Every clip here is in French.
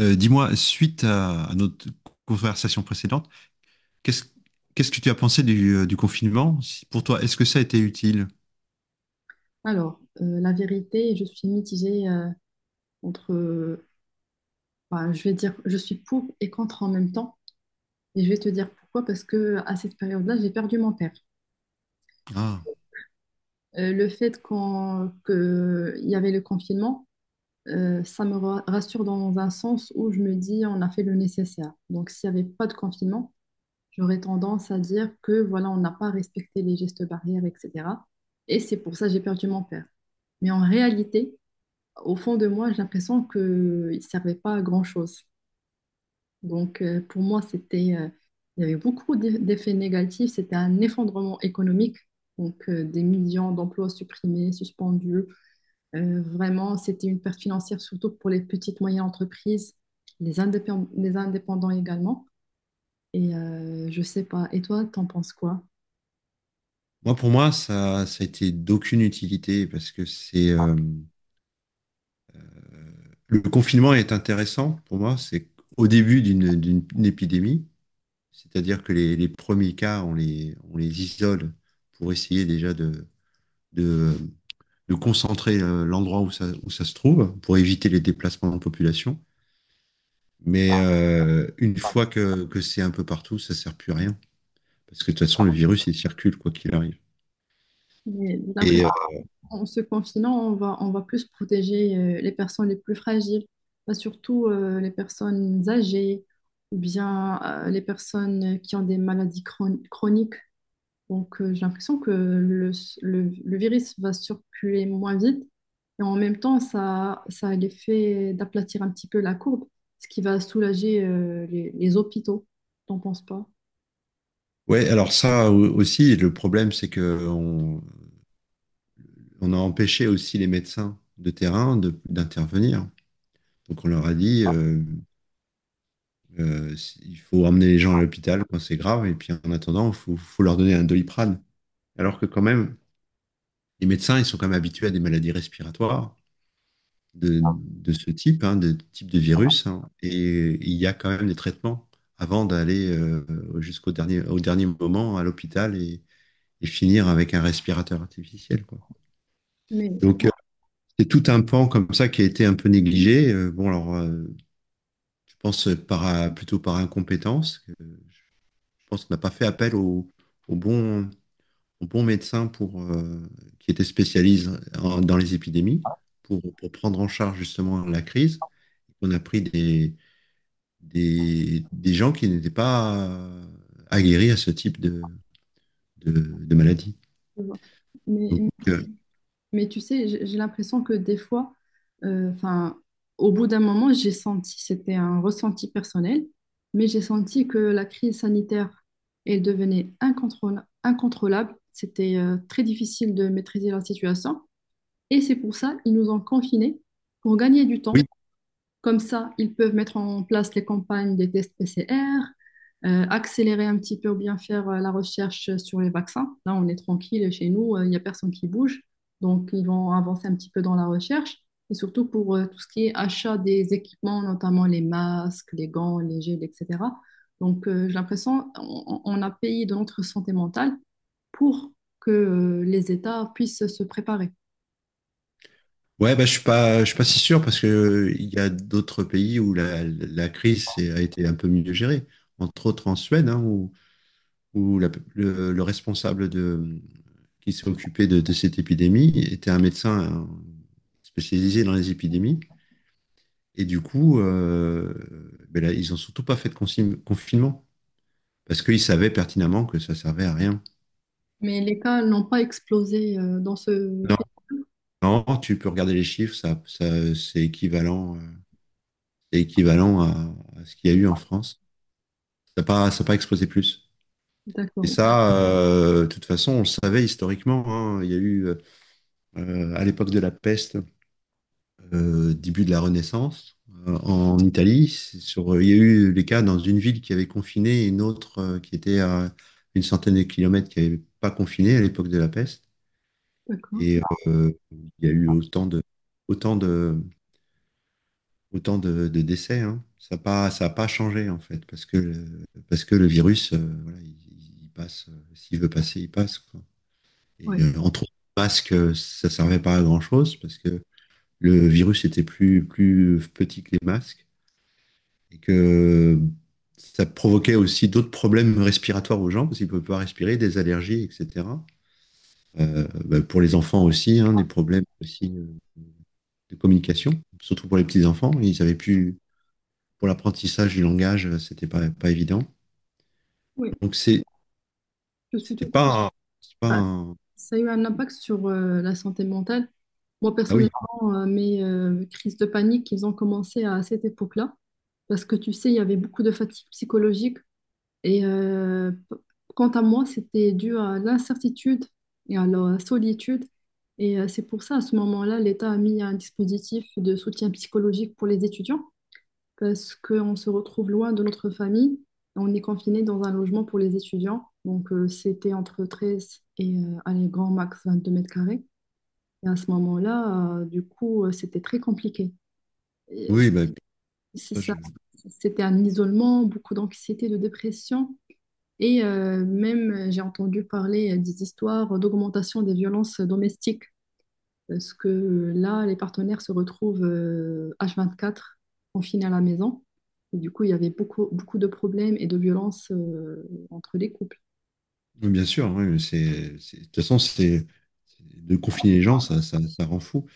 Dis-moi, suite à notre conversation précédente, qu'est-ce qu'est-ce que tu as pensé du confinement? Pour toi, est-ce que ça a été utile? La vérité, je suis mitigée, entre, euh, je vais dire, je suis pour et contre en même temps. Et je vais te dire pourquoi, parce que à cette période-là, j'ai perdu mon père. Ah. Le fait que il y avait le confinement, ça me rassure dans un sens où je me dis, on a fait le nécessaire. Donc, s'il n'y avait pas de confinement, j'aurais tendance à dire que voilà, on n'a pas respecté les gestes barrières, etc. Et c'est pour ça que j'ai perdu mon père. Mais en réalité, au fond de moi, j'ai l'impression qu'il ne servait pas à grand-chose. Pour moi, il y avait beaucoup d'effets négatifs. C'était un effondrement économique. Donc, des millions d'emplois supprimés, suspendus. Vraiment, c'était une perte financière, surtout pour les petites, moyennes entreprises, les indépendants également. Je sais pas. Et toi, t'en penses quoi? Moi, pour moi, ça a été d'aucune utilité parce que c'est le confinement est intéressant pour moi. C'est au début d'une épidémie, c'est-à-dire que les premiers cas, on les isole pour essayer déjà de, de concentrer l'endroit où ça se trouve pour éviter les déplacements de population. Mais une fois que c'est un peu partout, ça sert plus à rien. Parce que de toute façon, le virus, il circule, quoi qu'il arrive. J'ai Et l'impression en se confinant, on va plus protéger les personnes les plus fragiles. Bah, surtout les personnes âgées ou bien les personnes qui ont des maladies chroniques. J'ai l'impression que le virus va circuler moins vite, et en même temps, ça a l'effet d'aplatir un petit peu la courbe, ce qui va soulager les hôpitaux. T'en penses pas? ouais, alors ça aussi, le problème, c'est que on a empêché aussi les médecins de terrain d'intervenir. Donc on leur a dit, euh, il faut emmener les gens à l'hôpital quand c'est grave, et puis en attendant, il faut leur donner un Doliprane. Alors que quand même, les médecins, ils sont quand même habitués à des maladies respiratoires, de ce type, hein, de type de virus, hein, et il y a quand même des traitements avant d'aller au dernier moment à l'hôpital et finir avec un respirateur artificiel, quoi. Mais, Donc, c'est tout un pan comme ça qui a été un peu négligé. Bon, alors, je pense plutôt par incompétence. Que Je pense qu'on n'a pas fait appel au bon, au bon médecin qui était spécialisé dans les épidémies pour prendre en charge justement la crise. On a pris des gens qui n'étaient pas aguerris à ce type de maladie. euh, Donc, mais, euh, Mais tu sais, j'ai l'impression que des fois, euh, enfin, au bout d'un moment, j'ai senti, c'était un ressenti personnel, mais j'ai senti que la crise sanitaire, elle devenait incontrôlable. C'était très difficile de maîtriser la situation. Et c'est pour ça qu'ils nous ont confinés pour gagner du oui, temps. Comme ça, ils peuvent mettre en place les campagnes des tests PCR, accélérer un petit peu ou bien faire la recherche sur les vaccins. Là, on est tranquille chez nous, il n'y a personne qui bouge. Donc, ils vont avancer un petit peu dans la recherche. Et surtout pour tout ce qui est achat des équipements, notamment les masques, les gants, les gels, etc. J'ai l'impression on a payé de notre santé mentale pour que les États puissent se préparer. ouais, bah, je suis pas si sûr parce que il y a d'autres pays où la crise a été un peu mieux gérée, entre autres en Suède, hein, où le responsable qui s'est occupé de cette épidémie était un médecin, hein, spécialisé dans les épidémies. Et du coup, ben là, ils n'ont surtout pas fait de confinement parce qu'ils savaient pertinemment que ça servait à rien. Mais les cas n'ont pas explosé dans ce Non, pays. non, tu peux regarder les chiffres, ça, c'est équivalent à ce qu'il y a eu en France. Ça a pas explosé plus. Et D'accord, ça, de toute façon, on le savait historiquement, hein. Il y a eu, à l'époque de la peste, début de la Renaissance, en Italie, c'est sur, il y a eu des cas dans une ville qui avait confiné et une autre qui était à une centaine de kilomètres qui n'avait pas confiné à l'époque de la peste. d'accord. Et il y a eu autant de, autant de décès, hein. Ça a pas changé, en fait, parce que le virus, voilà, il passe. S'il veut passer, il passe, quoi. Et Oui, entre autres, le masque, ça servait pas à grand-chose, parce que le virus était plus petit que les masques, et que ça provoquait aussi d'autres problèmes respiratoires aux gens, parce qu'ils ne peuvent pas respirer, des allergies, etc. Bah, pour les enfants aussi, hein, des problèmes aussi de communication, surtout pour les petits-enfants, ils avaient plus pour l'apprentissage du langage, c'était pas évident. oui, Donc c'est, je suis c'était totalement. pas, c'est pas Ah, un- ça a eu un impact sur la santé mentale. Moi, Ah oui, personnellement, mes crises de panique, ils ont commencé à cette époque-là, parce que tu sais, il y avait beaucoup de fatigue psychologique. Et euh, p- Quant à moi, c'était dû à l'incertitude et à la solitude. C'est pour ça, à ce moment-là, l'État a mis un dispositif de soutien psychologique pour les étudiants, parce qu'on se retrouve loin de notre famille. On est confiné dans un logement pour les étudiants. C'était entre 13 et, allez, grand max 22 m². Et à ce moment-là, du coup, c'était très compliqué. Et oui, bah, C'est ça, ça. Oui, C'était un isolement, beaucoup d'anxiété, de dépression. Même, j'ai entendu parler des histoires d'augmentation des violences domestiques. Parce que là, les partenaires se retrouvent H24 confinés à la maison. Et du coup, il y avait beaucoup, beaucoup de problèmes et de violences entre les couples. bien sûr. Oui, mais c'est, de toute façon, de confiner les gens, ça rend fou.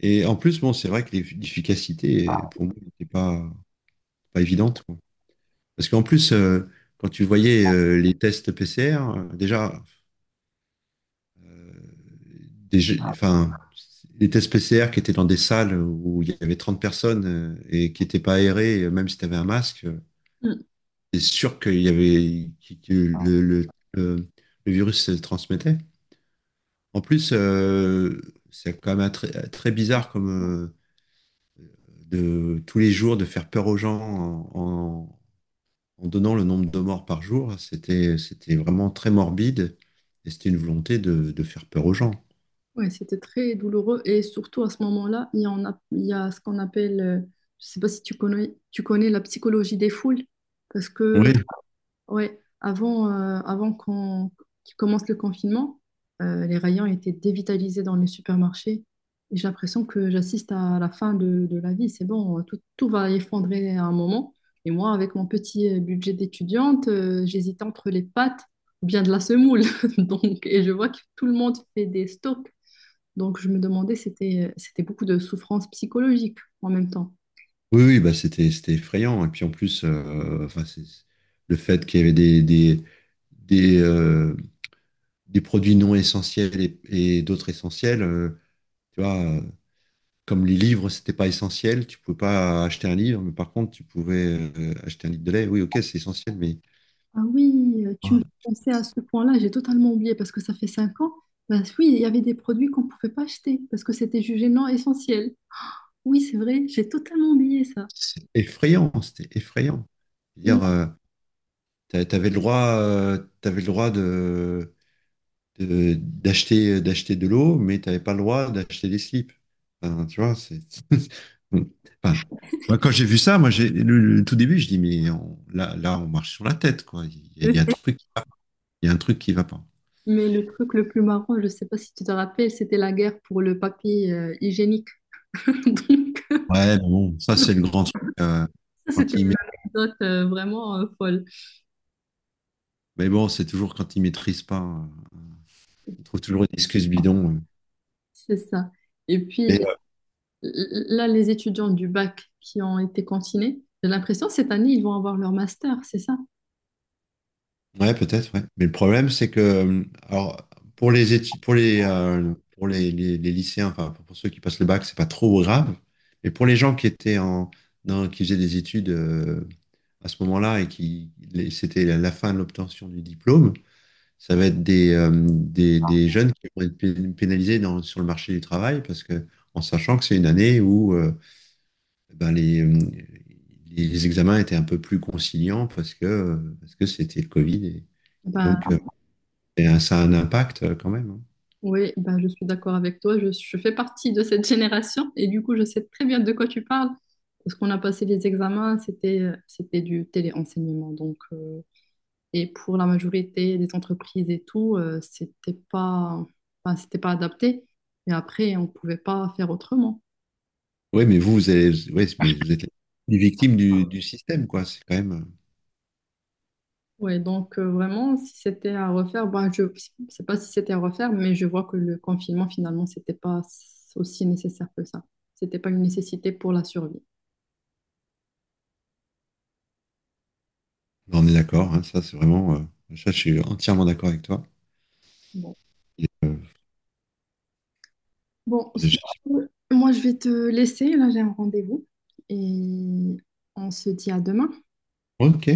Et en plus, bon, c'est vrai que l'efficacité, pour moi, n'était pas évidente, quoi. Parce qu'en plus, quand tu voyais les tests PCR, euh, déjà, enfin, les tests PCR qui étaient dans des salles où il y avait 30 personnes et qui n'étaient pas aérées même si tu avais un masque. Mm. C'est sûr qu'il y avait que le- le virus se transmettait. En plus, c'est quand même très, très bizarre comme euh, de tous les jours de faire peur aux gens en donnant le nombre de morts par jour. C'était vraiment très morbide et c'était une volonté de faire peur aux gens. Ouais, c'était très douloureux. Et surtout, à ce moment-là, il y a ce qu'on appelle, je ne sais pas si tu connais, tu connais la psychologie des foules, parce que Oui, ouais, avant qu'il commence le confinement, les rayons étaient dévitalisés dans les supermarchés. Et j'ai l'impression que j'assiste à la fin de la vie. C'est bon, tout va effondrer à un moment. Et moi, avec mon petit budget d'étudiante, j'hésitais entre les pâtes ou bien de la semoule. Et je vois que tout le monde fait des stocks. Donc, je me demandais, c'était beaucoup de souffrance psychologique en même temps. oui, oui, bah c'était effrayant. Et puis en plus, enfin, le fait qu'il y avait des, euh, des produits non essentiels et d'autres essentiels, tu vois, comme les livres, c'était pas essentiel, tu pouvais pas acheter un livre, mais par contre, tu pouvais acheter un litre de lait. Oui, ok, c'est essentiel, mais Ah oui, tu me ah, fais penser à ce point-là, j'ai totalement oublié parce que ça fait 5 ans. Ben oui, il y avait des produits qu'on ne pouvait pas acheter parce que c'était jugé non essentiel. Oui, c'est vrai, j'ai totalement oublié ça. c'est effrayant, c'était effrayant. Il me Dire, t'avais le droit d'acheter de l'eau, mais t'avais pas le droit d'acheter des slips. Enfin, tu vois, c'est. Enfin, moi, quand j'ai vu ça, moi, j'ai le tout début, je dis, mais là, là, on marche sur la tête, quoi. Il y, a il le y a un fait. truc, il y a un truc qui va pas. Mais le truc le plus marrant, je ne sais pas si tu te rappelles, c'était la guerre pour le papier hygiénique. Donc, euh, Ouais, mais bon, ça c'est le grand truc. Ça, quand c'était il ma- une anecdote vraiment folle. Mais bon, c'est toujours quand il maîtrise pas. Ils trouvent toujours une excuse bidon. C'est ça. Et puis, Mais, là, les étudiants du bac qui ont été cantinés, j'ai l'impression cette année, ils vont avoir leur master, c'est ça? Ouais, peut-être, ouais. Mais le problème, c'est que alors, pour les études, pour les lycéens, enfin pour ceux qui passent le bac, c'est pas trop grave. Mais pour les gens qui étaient qui faisaient des études à ce moment-là et c'était la fin de l'obtention du diplôme. Ça va être des jeunes qui vont être pénalisés sur le marché du travail parce que, en sachant que c'est une année où ben, les examens étaient un peu plus conciliants parce que c'était le Covid et, et donc Ben, euh, et, euh, ça a un impact quand même. oui, bah, je suis d'accord avec toi. Je fais partie de cette génération et du coup, je sais très bien de quoi tu parles parce qu'on a passé les examens, c'était du téléenseignement. Et pour la majorité des entreprises et tout, c'était pas adapté. Mais après, on pouvait pas faire autrement. Oui, mais ouais, mais vous êtes les victimes du système, quoi. C'est quand même. Vraiment, si c'était à refaire, bah, je ne sais pas si c'était à refaire, mais je vois que le confinement, finalement, c'était pas aussi nécessaire que ça. C'était pas une nécessité pour la survie. On est d'accord, hein, ça c'est vraiment. Ça, je suis entièrement d'accord avec toi. Bon. Et, Bon, je- sur- je- Moi je vais te laisser, là j'ai un rendez-vous et on se dit à demain. ok.